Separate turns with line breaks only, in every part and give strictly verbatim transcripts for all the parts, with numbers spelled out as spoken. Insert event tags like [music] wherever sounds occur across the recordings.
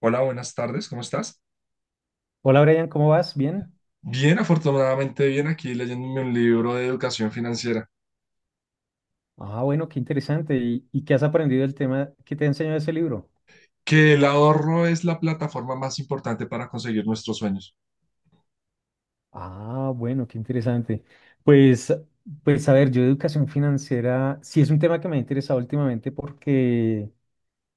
Hola, buenas tardes, ¿cómo estás?
Hola Brian, ¿cómo vas? ¿Bien?
Bien, afortunadamente bien, aquí leyéndome un libro de educación financiera,
Ah, bueno, qué interesante. ¿Y, y qué has aprendido del tema que te ha enseñado ese libro?
que el ahorro es la plataforma más importante para conseguir nuestros sueños.
Ah, bueno, qué interesante. Pues, pues a ver, yo educación financiera sí es un tema que me ha interesado últimamente porque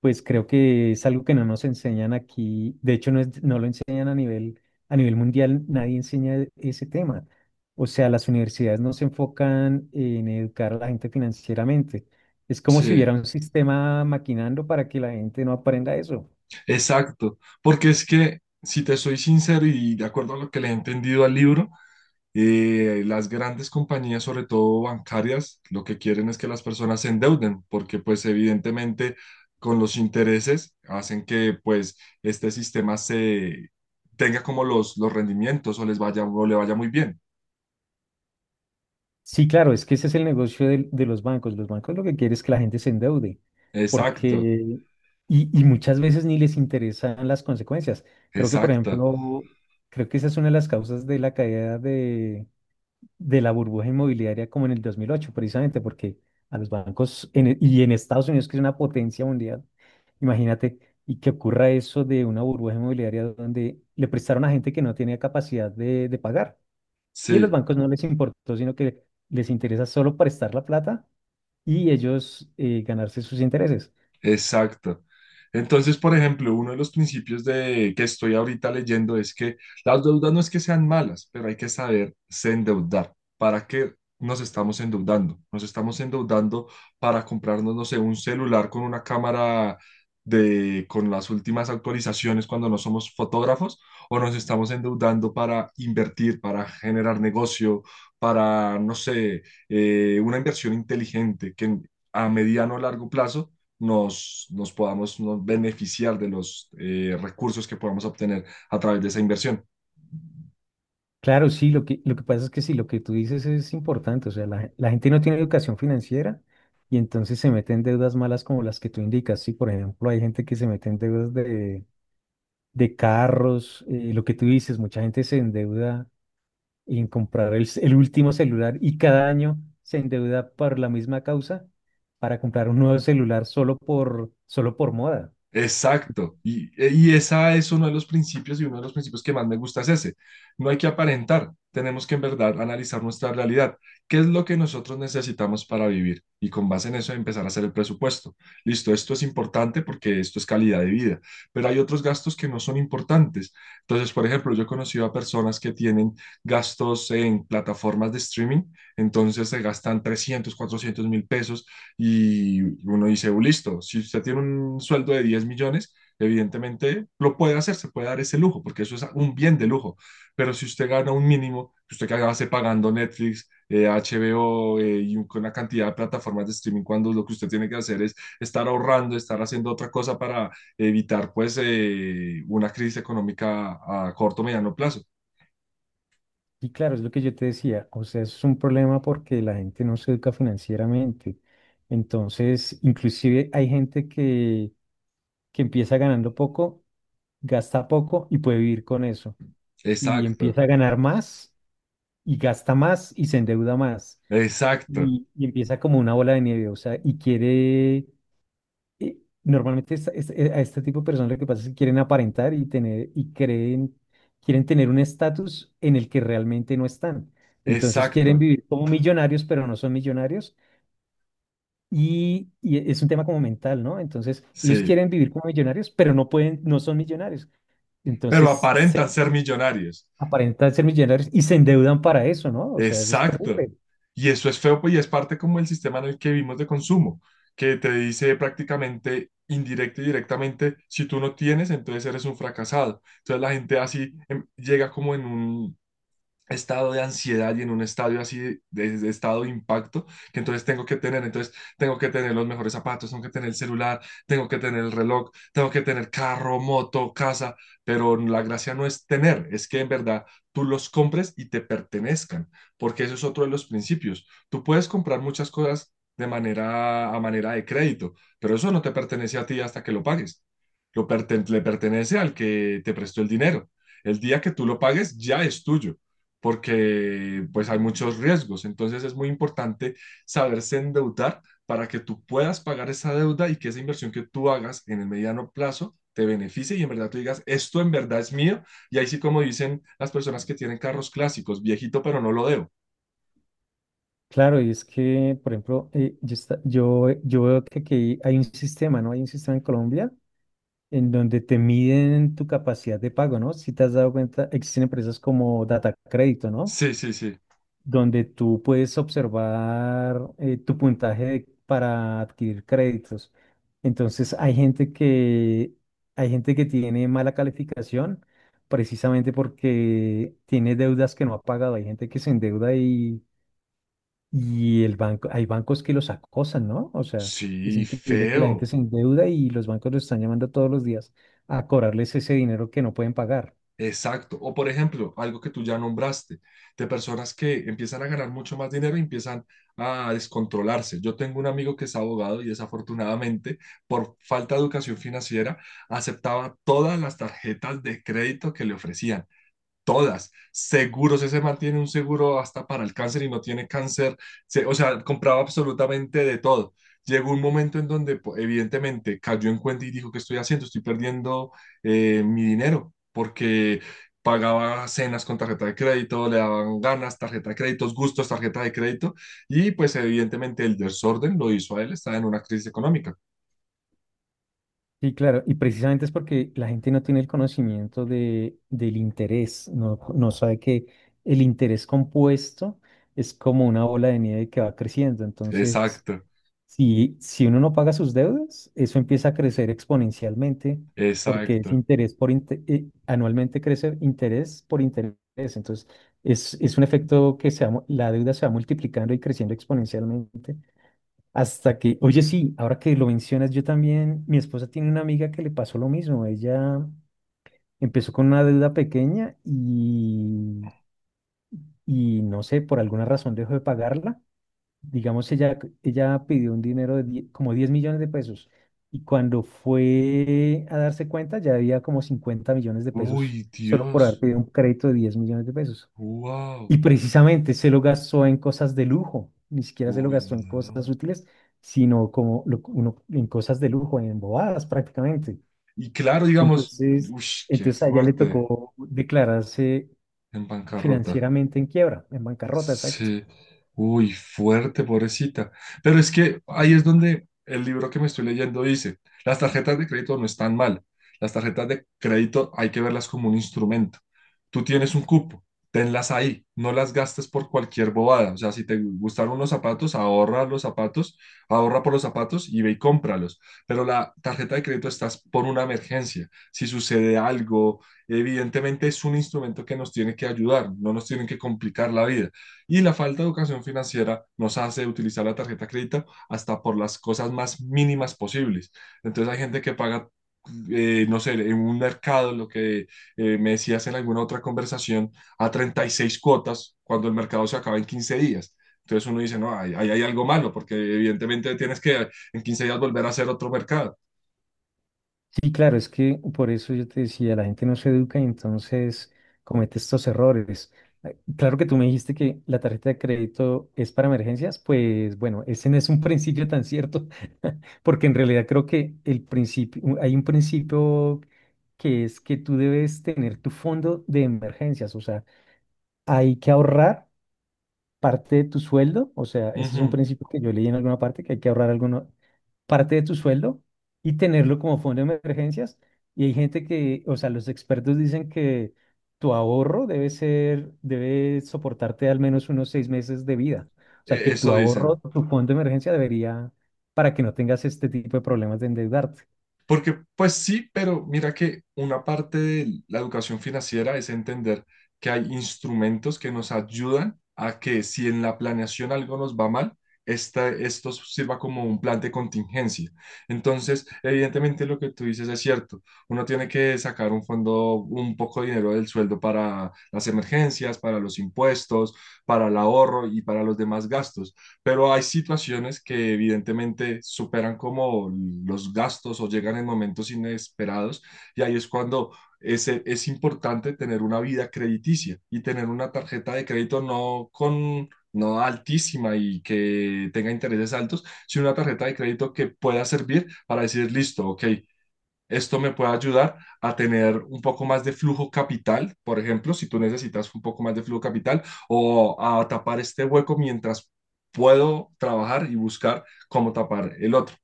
pues creo que es algo que no nos enseñan aquí. De hecho, no es, no lo enseñan a nivel, a nivel mundial, nadie enseña e- ese tema. O sea, las universidades no se enfocan en educar a la gente financieramente. Es como si
Sí,
hubiera un sistema maquinando para que la gente no aprenda eso.
exacto, porque es que, si te soy sincero y de acuerdo a lo que le he entendido al libro, Eh, las grandes compañías, sobre todo bancarias, lo que quieren es que las personas se endeuden, porque pues evidentemente con los intereses hacen que pues este sistema se tenga como los, los rendimientos o les vaya o le vaya muy bien.
Sí, claro, es que ese es el negocio del- de los bancos. Los bancos lo que quieren es que la gente se endeude,
Exacto,
porque, y, y muchas veces ni les interesan las consecuencias. Creo que, por
exacto.
ejemplo, creo que esa es una de las causas de la caída de la burbuja inmobiliaria como en el dos mil ocho, precisamente porque a los bancos en e- y en Estados Unidos, que es una potencia mundial, imagínate, y que ocurra eso de una burbuja inmobiliaria donde le prestaron a gente que no tenía capacidad de, de pagar. Y a los
Sí.
bancos no les importó, sino que les interesa solo prestar la plata y ellos eh, ganarse sus intereses.
Exacto. Entonces, por ejemplo, uno de los principios de que estoy ahorita leyendo es que las deudas no es que sean malas, pero hay que saberse endeudar. ¿Para qué nos estamos endeudando? Nos estamos endeudando para comprarnos, no sé, un celular con una cámara de con las últimas actualizaciones cuando no somos fotógrafos, o nos estamos endeudando para invertir, para generar negocio, para, no sé, eh, una inversión inteligente que en- a mediano o largo plazo nos, nos podamos nos beneficiar de los eh, recursos que podamos obtener a través de esa inversión.
Claro, sí, lo que, lo que pasa es que sí, lo que tú dices es importante, o sea, la, la gente no tiene educación financiera y entonces se mete en deudas malas como las que tú indicas, sí, por ejemplo, hay gente que se mete en deudas de, de carros, eh, lo que tú dices, mucha gente se endeuda en comprar el, ce- el último celular y cada año se endeuda por la misma causa para comprar un nuevo celular solo por, solo por moda.
Exacto, y, e, y esa es uno de los principios y uno de los principios que más me gusta es ese. No hay que aparentar, tenemos que en verdad analizar nuestra realidad, qué es lo que nosotros necesitamos para vivir y con base en eso empezar a hacer el presupuesto. Listo, esto es importante porque esto es calidad de vida, pero hay otros gastos que no son importantes. Entonces, por ejemplo, yo he conocido a personas que tienen gastos en plataformas de streaming, entonces se gastan trescientos cuatrocientos mil pesos y uno dice, "Uh, listo, si usted tiene un sueldo de diez millones, evidentemente lo puede hacer, se puede dar ese lujo, porque eso es un bien de lujo. Pero si usted gana un mínimo, que usted que hace pagando Netflix, eh, H B O eh, y un- con una cantidad de plataformas de streaming, cuando lo que usted tiene que hacer es estar ahorrando, estar haciendo otra cosa para evitar pues eh, una crisis económica a corto o mediano plazo.
Y claro, es lo que yo te decía, o sea, es un problema porque la gente no se educa financieramente. Entonces, inclusive hay gente que, que empieza ganando poco, gasta poco y puede vivir con eso. Y
Exacto,
empieza a ganar más y gasta más y se endeuda más.
exacto,
Y, y empieza como una bola de nieve, o sea, y quiere eh, normalmente esta- esta- eh, a este tipo de personas lo que pasa es que quieren aparentar y tener y creen, quieren tener un estatus en el que realmente no están. Entonces quieren
exacto,
vivir como millonarios, pero no son millonarios. Y, y es un tema como mental, ¿no? Entonces ellos
sí.
quieren vivir como millonarios, pero no pueden, no son millonarios.
Pero
Entonces
aparentan
se
ser millonarios.
aparentan ser millonarios y se endeudan para eso, ¿no? O sea, eso es
Exacto.
terrible.
Y eso es feo, pues, y es parte como el sistema en el que vivimos de consumo, que te dice prácticamente indirecta y directamente, si tú no tienes, entonces eres un fracasado. Entonces la gente así em, llega como en un, estado de ansiedad y en un estadio así de, de estado de impacto que entonces tengo que tener, entonces tengo que tener los mejores zapatos, tengo que tener el celular, tengo que tener el reloj, tengo que tener carro, moto, casa, pero la gracia no es tener, es que en verdad tú los compres y te pertenezcan, porque eso es otro de los principios. Tú puedes comprar muchas cosas de manera a manera de crédito, pero eso no te pertenece a ti hasta que lo pagues. Lo perten- le pertenece al que te prestó el dinero. El día que tú lo pagues ya es tuyo porque pues hay muchos riesgos. Entonces es muy importante saberse endeudar para que tú puedas pagar esa deuda y que esa inversión que tú hagas en el mediano plazo te beneficie y en verdad tú digas, esto en verdad es mío. Y ahí sí, como dicen las personas que tienen carros clásicos, viejito pero no lo debo.
Claro, y es que, por ejemplo, eh, yo, esta- yo, yo veo que aquí hay un sistema, ¿no? Hay un sistema en Colombia en donde te miden tu capacidad de pago, ¿no? Si te has dado cuenta, existen empresas como Data Crédito, ¿no?
Sí, sí, sí.
Donde tú puedes observar eh, tu puntaje de- para adquirir créditos. Entonces, hay gente que, hay gente que tiene mala calificación precisamente porque tiene deudas que no ha pagado. Hay gente que se endeuda y el banco, hay bancos que los acosan, ¿no? O sea, es
Sí,
increíble que la gente
feo.
se endeuda y los bancos los están llamando todos los días a cobrarles ese dinero que no pueden pagar.
Exacto. O por ejemplo, algo que tú ya nombraste, de personas que empiezan a ganar mucho más dinero y empiezan a descontrolarse. Yo tengo un amigo que es abogado y desafortunadamente, por falta de educación financiera, aceptaba todas las tarjetas de crédito que le ofrecían todas, seguros, ese man tiene un seguro hasta para el cáncer y no tiene cáncer, se- o sea, compraba absolutamente de todo. Llegó un momento en donde po- evidentemente cayó en cuenta y dijo, ¿qué estoy haciendo? Estoy perdiendo eh, mi dinero porque pagaba cenas con tarjeta de crédito, le daban ganas, tarjeta de créditos, gustos, tarjeta de crédito y pues evidentemente el desorden lo hizo a él, estaba en una crisis económica.
Sí, claro, y precisamente es porque la gente no tiene el conocimiento de, del interés, no, no sabe que el interés compuesto es como una bola de nieve que va creciendo. Entonces,
Exacto,
Si, si uno no paga sus deudas, eso empieza a crecer exponencialmente porque es
exacto.
interés por inte- eh, anualmente crece interés por interés. Entonces, es, es un efecto que se va mu- la deuda se va multiplicando y creciendo exponencialmente hasta que, oye, sí, ahora que lo mencionas, yo también, mi esposa tiene una amiga que le pasó lo mismo. Ella empezó con una deuda pequeña y, y no sé, por alguna razón dejó de pagarla digamos, ella, ella pidió un dinero de die- como diez millones de pesos y cuando fue a darse cuenta ya había como cincuenta millones de pesos
Uy,
solo por haber
Dios.
pedido un crédito de diez millones de pesos.
Wow.
Y precisamente se lo gastó en cosas de lujo, ni siquiera se lo
Uy,
gastó en
no.
cosas útiles, sino como lo- uno, en cosas de lujo, en bobadas prácticamente.
Y claro, digamos,
Entonces,
uff, qué
entonces a ella le
fuerte
tocó declararse
en bancarrota.
financieramente en quiebra, en bancarrota, exacto.
Sí, uy, fuerte, pobrecita. Pero es que ahí es donde el libro que me estoy leyendo dice, las tarjetas de crédito no están mal. Las tarjetas de crédito hay que verlas como un instrumento. Tú tienes un cupo, tenlas ahí, no las gastes por cualquier bobada. O sea, si te gustaron unos zapatos, ahorra los zapatos, ahorra por los zapatos y ve y cómpralos. Pero la tarjeta de crédito estás por una emergencia. Si sucede algo, evidentemente es un instrumento que nos tiene que ayudar, no nos tiene que complicar la vida. Y la falta de educación financiera nos hace utilizar la tarjeta de crédito hasta por las cosas más mínimas posibles. Entonces hay gente que paga, eh, no sé, en un mercado, lo que eh, me decías en alguna otra conversación, a treinta y seis cuotas cuando el mercado se acaba en quince días. Entonces uno dice, no, ahí hay, hay algo malo, porque evidentemente tienes que en quince días volver a hacer otro mercado.
Sí, claro, es que por eso yo te decía, la gente no se educa y entonces comete estos errores. Eh, Claro que tú me dijiste que la tarjeta de crédito es para emergencias, pues bueno, ese no es un [laughs] principio tan cierto, [laughs] porque en realidad creo que el principio, u- hay un principio que es que tú debes tener tu fondo de emergencias, o sea, hay que ahorrar parte de tu sueldo, o sea, ese es un
Ujú.
principio que yo leí en alguna parte, que hay que ahorrar alguna parte de tu sueldo y tenerlo como fondo de emergencias. Y hay gente que, o sea, los expertos dicen que tu ahorro debe ser, debe soportarte al menos unos seis meses de vida. O sea,
E-
que tu
Eso dicen.
ahorro, tu fondo de emergencia debería, para que no tengas este tipo de problemas de endeudarte.
Porque pues sí, pero mira que una parte de la educación financiera es entender que hay instrumentos que nos ayudan a que si en la planeación algo nos va mal, esta, esto sirva como un plan de contingencia. Entonces, evidentemente lo que tú dices es cierto. Uno tiene que sacar un fondo, un poco de dinero del sueldo para las emergencias, para los impuestos, para el ahorro y para los demás gastos pero hay situaciones que evidentemente superan como los gastos o llegan en momentos inesperados y ahí es cuando es, es importante tener una vida crediticia y tener una tarjeta de crédito no con... no altísima y que tenga intereses altos, sino una tarjeta de crédito que pueda servir para decir, listo, ok, esto me puede ayudar a tener un poco más de flujo capital, por ejemplo, si tú necesitas un poco más de flujo capital, o a tapar este hueco mientras puedo trabajar y buscar cómo tapar el otro.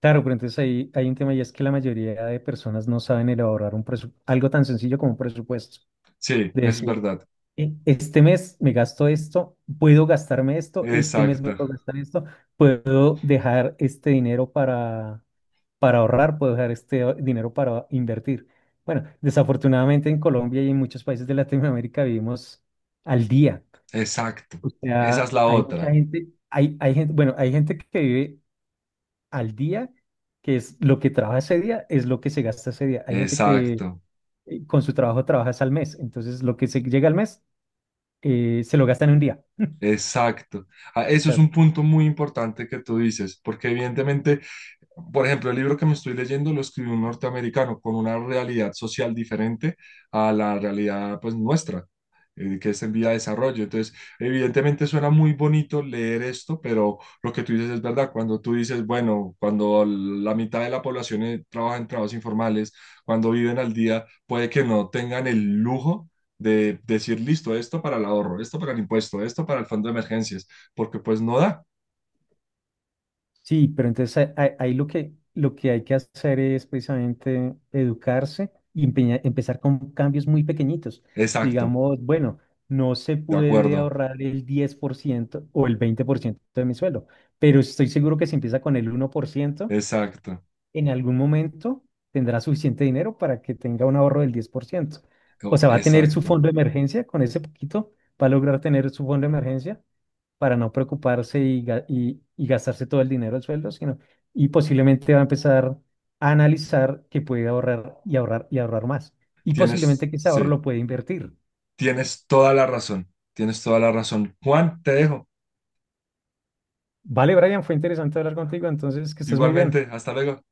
Claro, pero entonces ahí hay un tema y es que la mayoría de personas no saben elaborar un presu- algo tan sencillo como un presupuesto.
Sí, es verdad.
e- Este mes me gasto esto, puedo gastarme esto, este mes me
Exacto,
puedo gastar esto, puedo dejar este dinero para, para ahorrar, puedo dejar este o- dinero para invertir. Bueno, desafortunadamente en Colombia y en muchos países de Latinoamérica vivimos al día.
exacto.
O
Esa
sea,
es la
hay mucha
otra.
gente, hay, hay gente, bueno, hay gente que vive al día, que es lo que trabaja ese día, es lo que se gasta ese día. Hay gente que
Exacto,
eh, con su trabajo trabaja es al mes, entonces lo que se llega al mes eh, se lo gasta en un día.
exacto. Ah,
O
eso es
sea,
un punto muy importante que tú dices, porque evidentemente por ejemplo, el libro que me estoy leyendo lo escribió un norteamericano con una realidad social diferente a la realidad pues nuestra, eh, que es en vía de desarrollo. Entonces, evidentemente suena muy bonito leer esto, pero lo que tú dices es verdad. Cuando tú dices, bueno, cuando la mitad de la población eh, trabaja en trabajos informales, cuando viven al día, puede que no tengan el lujo de decir, listo, esto para el ahorro, esto para el impuesto, esto para el fondo de emergencias, porque pues no da.
sí, pero entonces ahí ahí- ahí lo que, lo que hay que hacer es precisamente educarse y empeña- empezar con cambios muy pequeñitos.
Exacto,
Digamos, bueno, no se
de
puede
acuerdo,
ahorrar el diez por ciento o el veinte por ciento de mi sueldo, pero estoy seguro que si empieza con el uno por ciento
exacto.
en algún momento tendrá suficiente dinero para que tenga un ahorro del diez por ciento. O
Oh,
sea, va a tener su
exacto.
fondo de emergencia, con ese poquito va a lograr tener su fondo de emergencia para no preocuparse y, ga- y- y gastarse todo el dinero del sueldo, sino y posiblemente va a empezar a analizar que puede ahorrar y ahorrar y ahorrar más. Y
Tienes,
posiblemente que ese ahorro lo
sí,
puede invertir.
tienes toda la razón. Tienes toda la razón. Juan, te dejo.
Vale, Brian, fue interesante hablar contigo, entonces que estés muy bien.
Igualmente, hasta luego.